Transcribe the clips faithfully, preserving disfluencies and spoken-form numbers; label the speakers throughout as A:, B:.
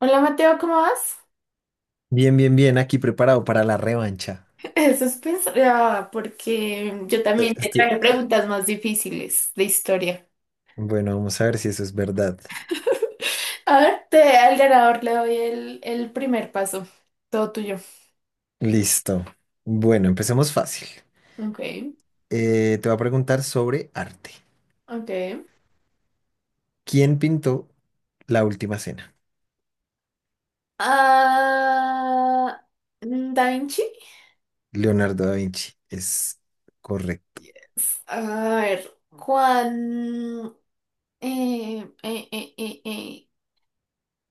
A: Hola Mateo, ¿cómo vas?
B: Bien, bien, bien, aquí preparado para la revancha.
A: Eso es pensar, porque yo
B: Eh,
A: también te traje
B: Este,
A: preguntas más difíciles de historia.
B: Bueno, vamos a ver si eso es verdad.
A: A ver, te, al ganador le doy el, el primer paso. Todo tuyo.
B: Listo. Bueno, empecemos fácil.
A: Ok,
B: Eh, te voy a preguntar sobre arte.
A: ok.
B: ¿Quién pintó La Última Cena?
A: Ah, mm, Da Vinci.
B: Leonardo da Vinci. Es correcto.
A: S- A ver, ¿cuán- eh, eh, eh, eh, eh,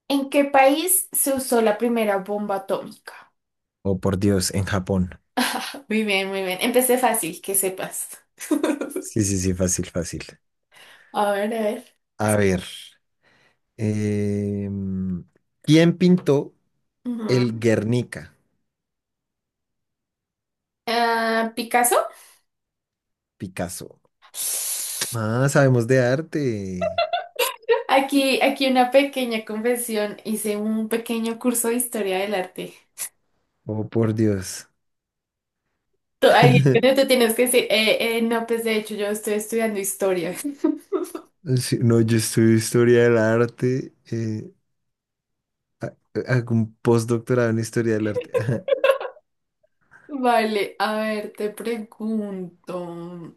A: ¿en qué país se usó la primera bomba atómica?
B: Oh, por Dios, en Japón.
A: Muy bien, muy bien. Empecé fácil, que sepas.
B: Sí, sí, sí, fácil, fácil.
A: A ver, a ver.
B: A ver. em, ¿Quién pintó el
A: Ujú.
B: Guernica?
A: Ah, Picasso.
B: Picasso. Ah, sabemos de arte.
A: Aquí, aquí una pequeña confesión. Hice un pequeño curso de historia del arte.
B: Oh, por Dios.
A: Tú, ahí es donde te tienes que decir, eh, eh, no, pues de hecho yo estoy estudiando historia.
B: Sí, no, yo estudio historia del arte, eh, hago un postdoctorado en historia del arte. Ajá,
A: Vale, a ver, te pregunto.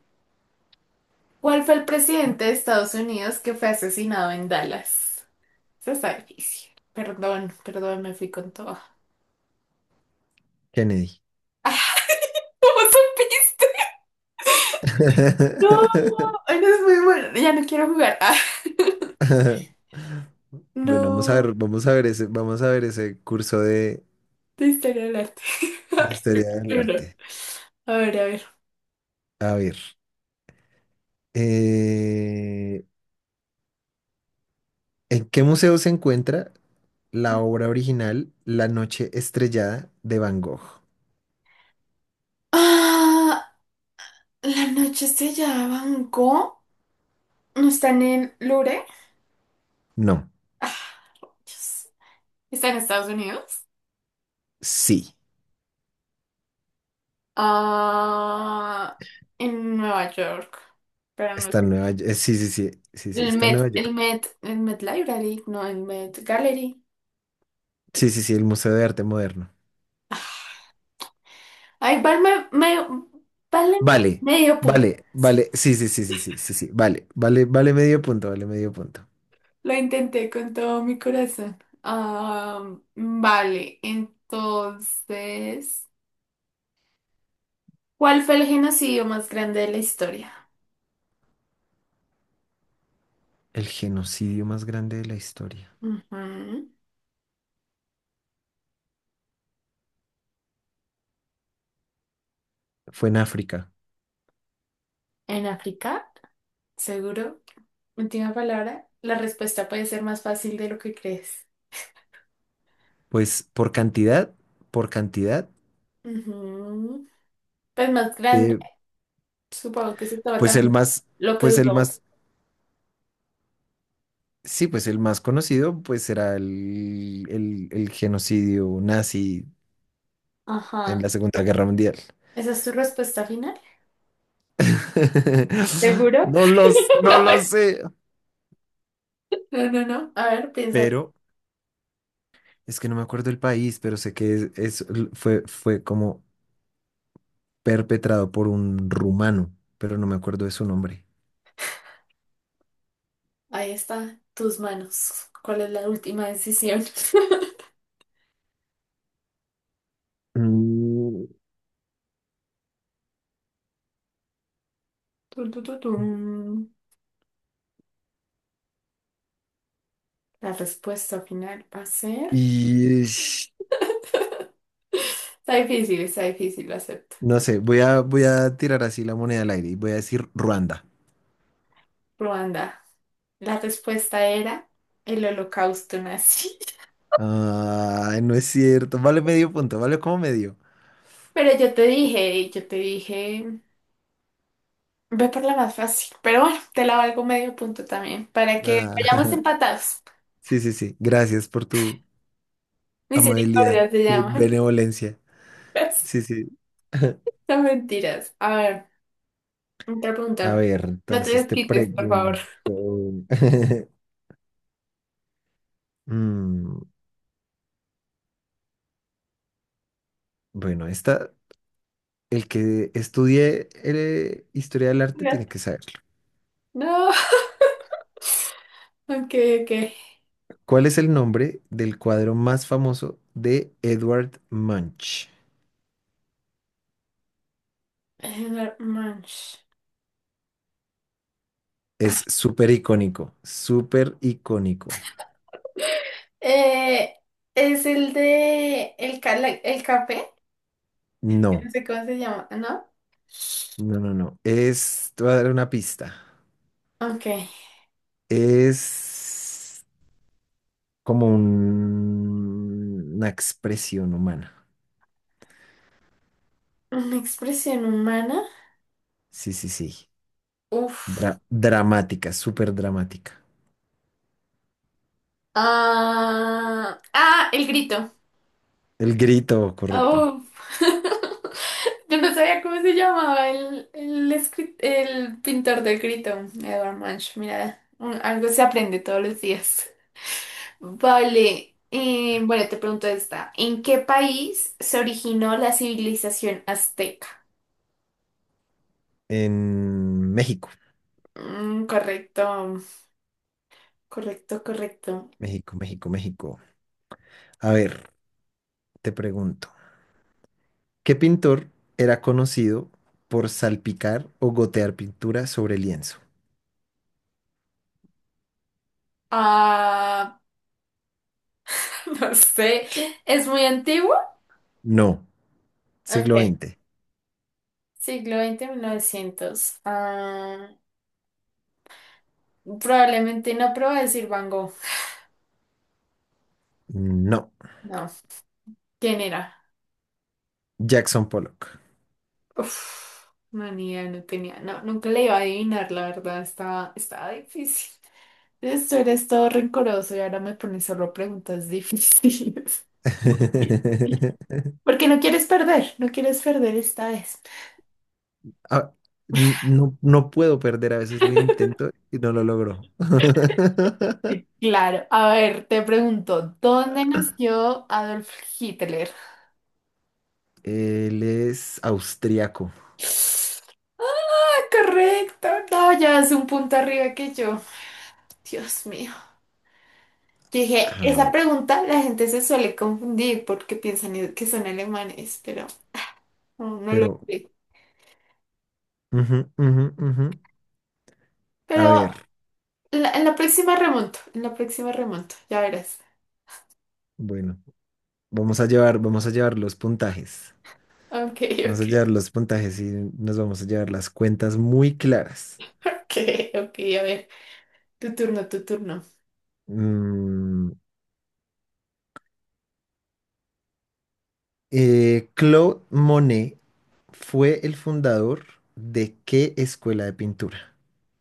A: ¿Cuál fue el presidente de Estados Unidos que fue asesinado en Dallas? Eso está difícil. Perdón, perdón, me fui con todo.
B: Kennedy.
A: ¿Cómo supiste? No, no es muy bueno. Ya no quiero jugar.
B: Ajá. Bueno, vamos a
A: No,
B: ver, vamos a ver ese, vamos a ver ese curso de,
A: de historia del arte.
B: de historia del
A: No, no.
B: arte.
A: A ver, a ver.
B: A ver, eh, ¿en qué museo se encuentra la obra original La Noche Estrellada de Van Gogh?
A: Ah, la noche estrellada de Van Gogh. ¿No están en Louvre?
B: No,
A: Ah, Dios. ¿Está en Estados Unidos?
B: sí,
A: Ah, en Nueva York. Pero no
B: está en
A: sé.
B: Nueva York. Sí, sí, sí, sí, sí,
A: El
B: está en
A: Met,
B: Nueva
A: el
B: York.
A: Met, el Met Library, no, el Met Gallery.
B: Sí, sí, sí, el Museo de Arte Moderno.
A: Ah, ay, válme- me- váleme
B: Vale,
A: medio punto.
B: vale,
A: Sí.
B: vale. Sí, sí, sí, sí, sí, sí, sí. Vale, vale, vale medio punto, vale medio punto.
A: Lo intenté con todo mi corazón. Ah, vale, entonces, ¿cuál fue el genocidio más grande de la historia?
B: El genocidio más grande de la historia.
A: Ujú.
B: Fue en África.
A: ¿En África? Seguro. Última palabra. La respuesta puede ser más fácil de lo que crees.
B: Pues por cantidad, por cantidad,
A: Ujú. Pues más grande.
B: eh,
A: Supongo que se estaba
B: pues
A: tan
B: el más,
A: lo que
B: pues el
A: duró.
B: más, sí, pues el más conocido, pues era el, el, el genocidio nazi en la
A: Ajá.
B: Segunda Guerra Mundial.
A: ¿Esa es tu respuesta final? ¿Seguro?
B: No los, no
A: No,
B: lo sé.
A: no, no. no. A ver, piensa.
B: Pero es que no me acuerdo el país, pero sé que es, es- fue, fue como perpetrado por un rumano, pero no me acuerdo de su nombre.
A: Ahí está, tus manos. ¿Cuál es la última decisión?
B: Mm,
A: Tun, tun, tun, tun. La respuesta final va a ser...
B: y es-
A: Está difícil, está difícil, lo acepto.
B: no sé, voy a, voy a tirar así la moneda al aire y voy a decir Ruanda.
A: Ruanda. La respuesta era el holocausto nazi.
B: Ah, no es cierto. Vale medio punto, vale como medio.
A: Pero yo te dije, yo te dije, ve por la más fácil. Pero bueno, te la valgo medio punto también, para que vayamos
B: Ah,
A: empatados.
B: sí, sí, sí. Gracias por tu amabilidad
A: Misericordia se
B: y
A: llama.
B: benevolencia.
A: Gracias.
B: Sí, sí.
A: No, mentiras. A ver, otra
B: A
A: pregunta.
B: ver,
A: No te
B: entonces te
A: desquites, por favor.
B: pregunto. Mm, bueno, esta el que estudie eh, historia del arte tiene que saberlo.
A: No. Okay, okay.
B: ¿Cuál es el nombre del cuadro más famoso de Edward Munch?
A: Anger Munch.
B: Es súper icónico, súper icónico.
A: Eh, es el de el, ca- la- el café,
B: No,
A: no sé cómo se llama, ¿no?
B: no, no, no. Es, te voy a dar una pista.
A: Okay.
B: Es como un- una expresión humana.
A: Una expresión humana.
B: Sí, sí, sí.
A: Uf.
B: Dra- dramática, súper dramática.
A: Ah, ah, el grito.
B: El grito, correcto.
A: Uf. Yo no sabía cómo se llamaba el, el, escri- el pintor del grito, Edward Munch. Mira, un- algo se aprende todos los días. Vale, eh, bueno, te pregunto esta. ¿En qué país se originó la civilización azteca?
B: En México,
A: Mm, correcto, correcto, correcto.
B: México, México, México. A ver, te pregunto, ¿qué pintor era conocido por salpicar o gotear pintura sobre lienzo?
A: Ah, no sé, ¿es muy antiguo?
B: No. Siglo
A: Ok,
B: veinte.
A: siglo veinte, novecientos. Ah, probablemente no, pero voy a decir Van Gogh.
B: No.
A: No, ¿quién era?
B: Jackson Pollock.
A: Uf, no, ni idea, no tenía, no, nunca le iba a adivinar, la verdad, estaba, estaba difícil. Esto eres todo rencoroso y ahora me pones solo preguntas difíciles. Porque no quieres perder, no quieres perder esta vez.
B: Ah, n- no, no puedo perder, a veces lo intento y no lo logro.
A: Sí. Claro, a ver, te pregunto, ¿dónde nació Adolf Hitler?
B: Él es austriaco.
A: Correcto, no, ya es un punto arriba que yo. Dios mío. Yo Dije,
B: A ver,
A: esa pregunta la gente se suele confundir porque piensan que son alemanes, pero no, no lo
B: pero...
A: sé.
B: ujú, ujú, ujú. A
A: Pero
B: ver,
A: en la, en la próxima remonto, en la próxima remonto, ya verás.
B: bueno, vamos a llevar, vamos a llevar los puntajes.
A: Ok,
B: Vamos a
A: ok.
B: llevar los puntajes y nos vamos a llevar las cuentas muy claras.
A: Ok, ok, a ver. Tu turno, tu turno.
B: Mm, eh, Claude Monet fue el fundador de qué escuela de pintura?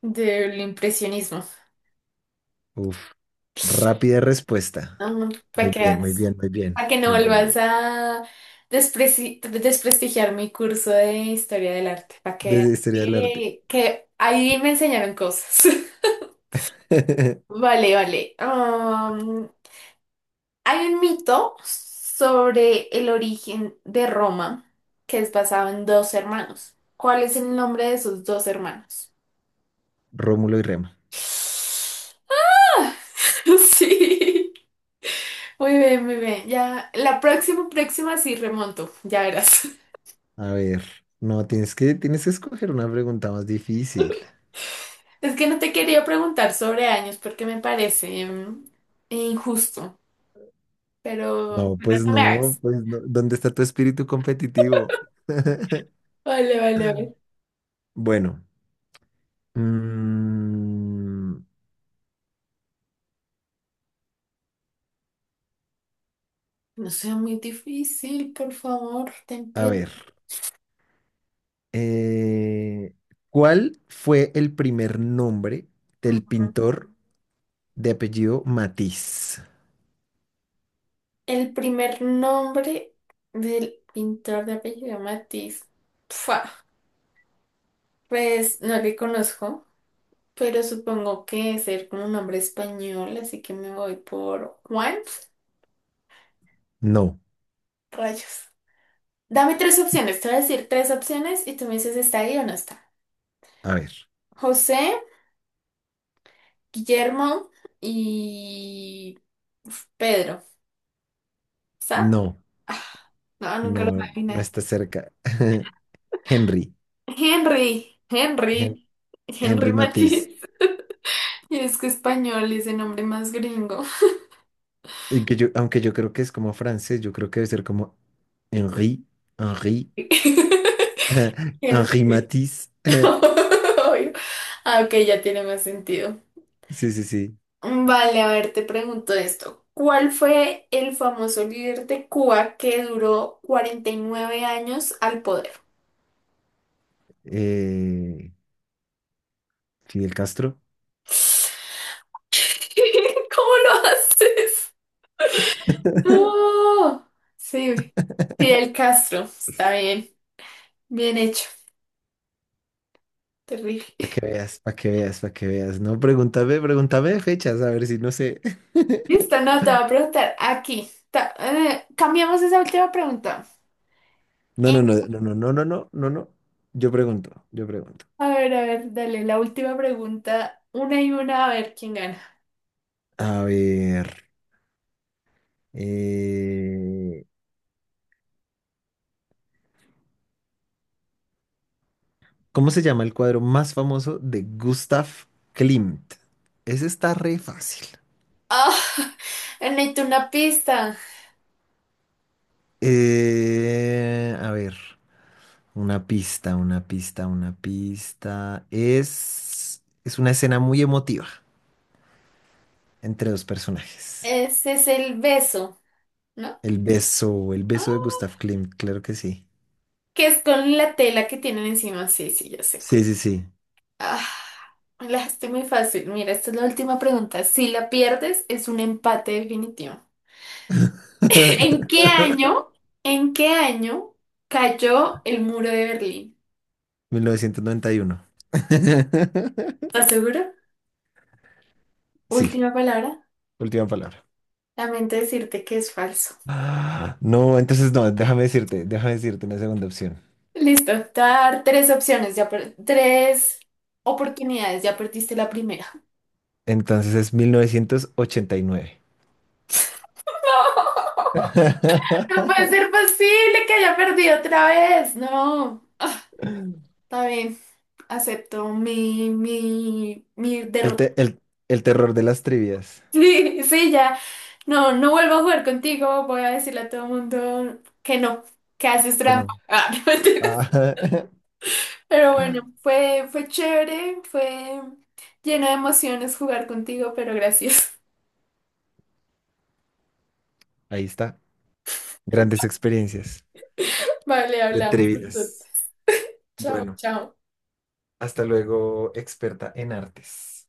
A: Del impresionismo.
B: Uf, rápida respuesta.
A: No, para
B: Muy
A: que
B: bien, muy
A: veas,
B: bien, muy bien,
A: para que no
B: muy bien. Muy
A: vuelvas
B: bien.
A: a despreci- desprestigiar mi curso de historia del arte. Para que
B: Desde historia del arte.
A: que que ahí me enseñaron cosas. Vale, vale. Am, hay un mito sobre el origen de Roma que es basado en dos hermanos. ¿Cuál es el nombre de esos dos hermanos?
B: Rómulo y Remo.
A: Sí. Muy bien, muy bien. Ya, la próxima, próxima sí remonto, ya verás.
B: A ver, no, tienes que, tienes que escoger una pregunta más difícil.
A: Es que no te quería preguntar sobre años porque me parece mm, injusto, pero,
B: No,
A: pero
B: pues
A: no me
B: no,
A: hagas.
B: pues no. ¿Dónde está tu espíritu competitivo?
A: Vale, vale, vale.
B: Bueno. Mm,
A: No sea muy difícil, por favor, ten
B: a
A: piedad.
B: ver, eh, ¿cuál fue el primer nombre
A: Mm.
B: del pintor de apellido Matisse?
A: El primer nombre del pintor de apellido Matiz. Pfua, pues no le conozco. Pero supongo que ser como un nombre español, así que me voy por Juan.
B: No,
A: Rayos. Dame tres opciones. Te voy a decir tres opciones y tú me dices está ahí o no está.
B: a ver,
A: José, Guillermo y uf, Pedro. ¿Está?
B: no,
A: Ah, no, nunca lo voy a
B: no, no
A: adivinar.
B: está cerca. Henry,
A: Henry,
B: Hen-
A: Henry, Henry
B: Henry Matisse,
A: Matiz. Y es que español es el nombre más gringo.
B: y que yo- aunque yo creo que es como francés, yo creo que debe ser como Henri, Henri,
A: Hen-
B: Henri Matisse.
A: Ah, ok, ya tiene más sentido.
B: Sí, sí, sí.
A: Vale, a ver, te pregunto esto. ¿Cuál fue el famoso líder de Cuba que duró cuarenta y nueve años al poder?
B: Eh, Fidel Castro.
A: ¿Cómo lo haces? No. Sí, Fidel Castro. Está bien, bien hecho. Terrible.
B: Para que veas, para que veas, para que veas. No, pregúntame, pregúntame de fechas, a ver si no sé.
A: Listo, no, te voy a preguntar aquí. Ta- eh, cambiamos esa última pregunta.
B: No,
A: Eh,
B: no, no, no, no, no, no, no, no, no. Yo pregunto, yo pregunto.
A: a ver, a ver, dale, la última pregunta. Una y una, a ver quién gana.
B: A ver, eh, ¿cómo se llama el cuadro más famoso de Gustav Klimt? Ese está re fácil.
A: Ah, necesito una pista.
B: Eh, a ver, una pista, una pista, una pista. Es, es una escena muy emotiva entre dos personajes.
A: Ese es el beso, ¿no?
B: El beso, el
A: Ah,
B: beso de Gustav Klimt, claro que sí.
A: que es con la tela que tienen encima. Sí, sí, ya sé
B: Sí,
A: cómo.
B: sí, sí.
A: Ah, me la dejaste muy fácil. Mira, esta es la última pregunta. Si la pierdes, es un empate definitivo. ¿En qué año? ¿En qué año cayó el muro de Berlín?
B: mil novecientos noventa y uno.
A: ¿Estás seguro?
B: Sí,
A: Última palabra.
B: última palabra.
A: Lamento decirte que es falso.
B: Ah, no, entonces no, déjame decirte, déjame decirte una segunda opción.
A: Listo. Te voy a dar tres opciones. Ya per- tres oportunidades. Ya perdiste la primera.
B: Entonces es mil novecientos ochenta y nueve.
A: No puede ser posible que haya perdido otra vez. No. Ah, está bien. Acepto mi, mi, mi
B: El,
A: derrota.
B: te- el, el terror de las trivias.
A: Sí, sí, ya. No, no vuelvo a jugar contigo. Voy a decirle a todo el mundo que no, que haces
B: Que
A: trampa.
B: no.
A: Ah, no, mentira.
B: Ah,
A: Pero bueno, fue, fue chévere, fue lleno de emociones jugar contigo, pero gracias.
B: ahí está. Grandes experiencias
A: Vale,
B: de
A: hablamos.
B: trivias.
A: entonces. Chao,
B: Bueno,
A: chao.
B: hasta luego, experta en artes.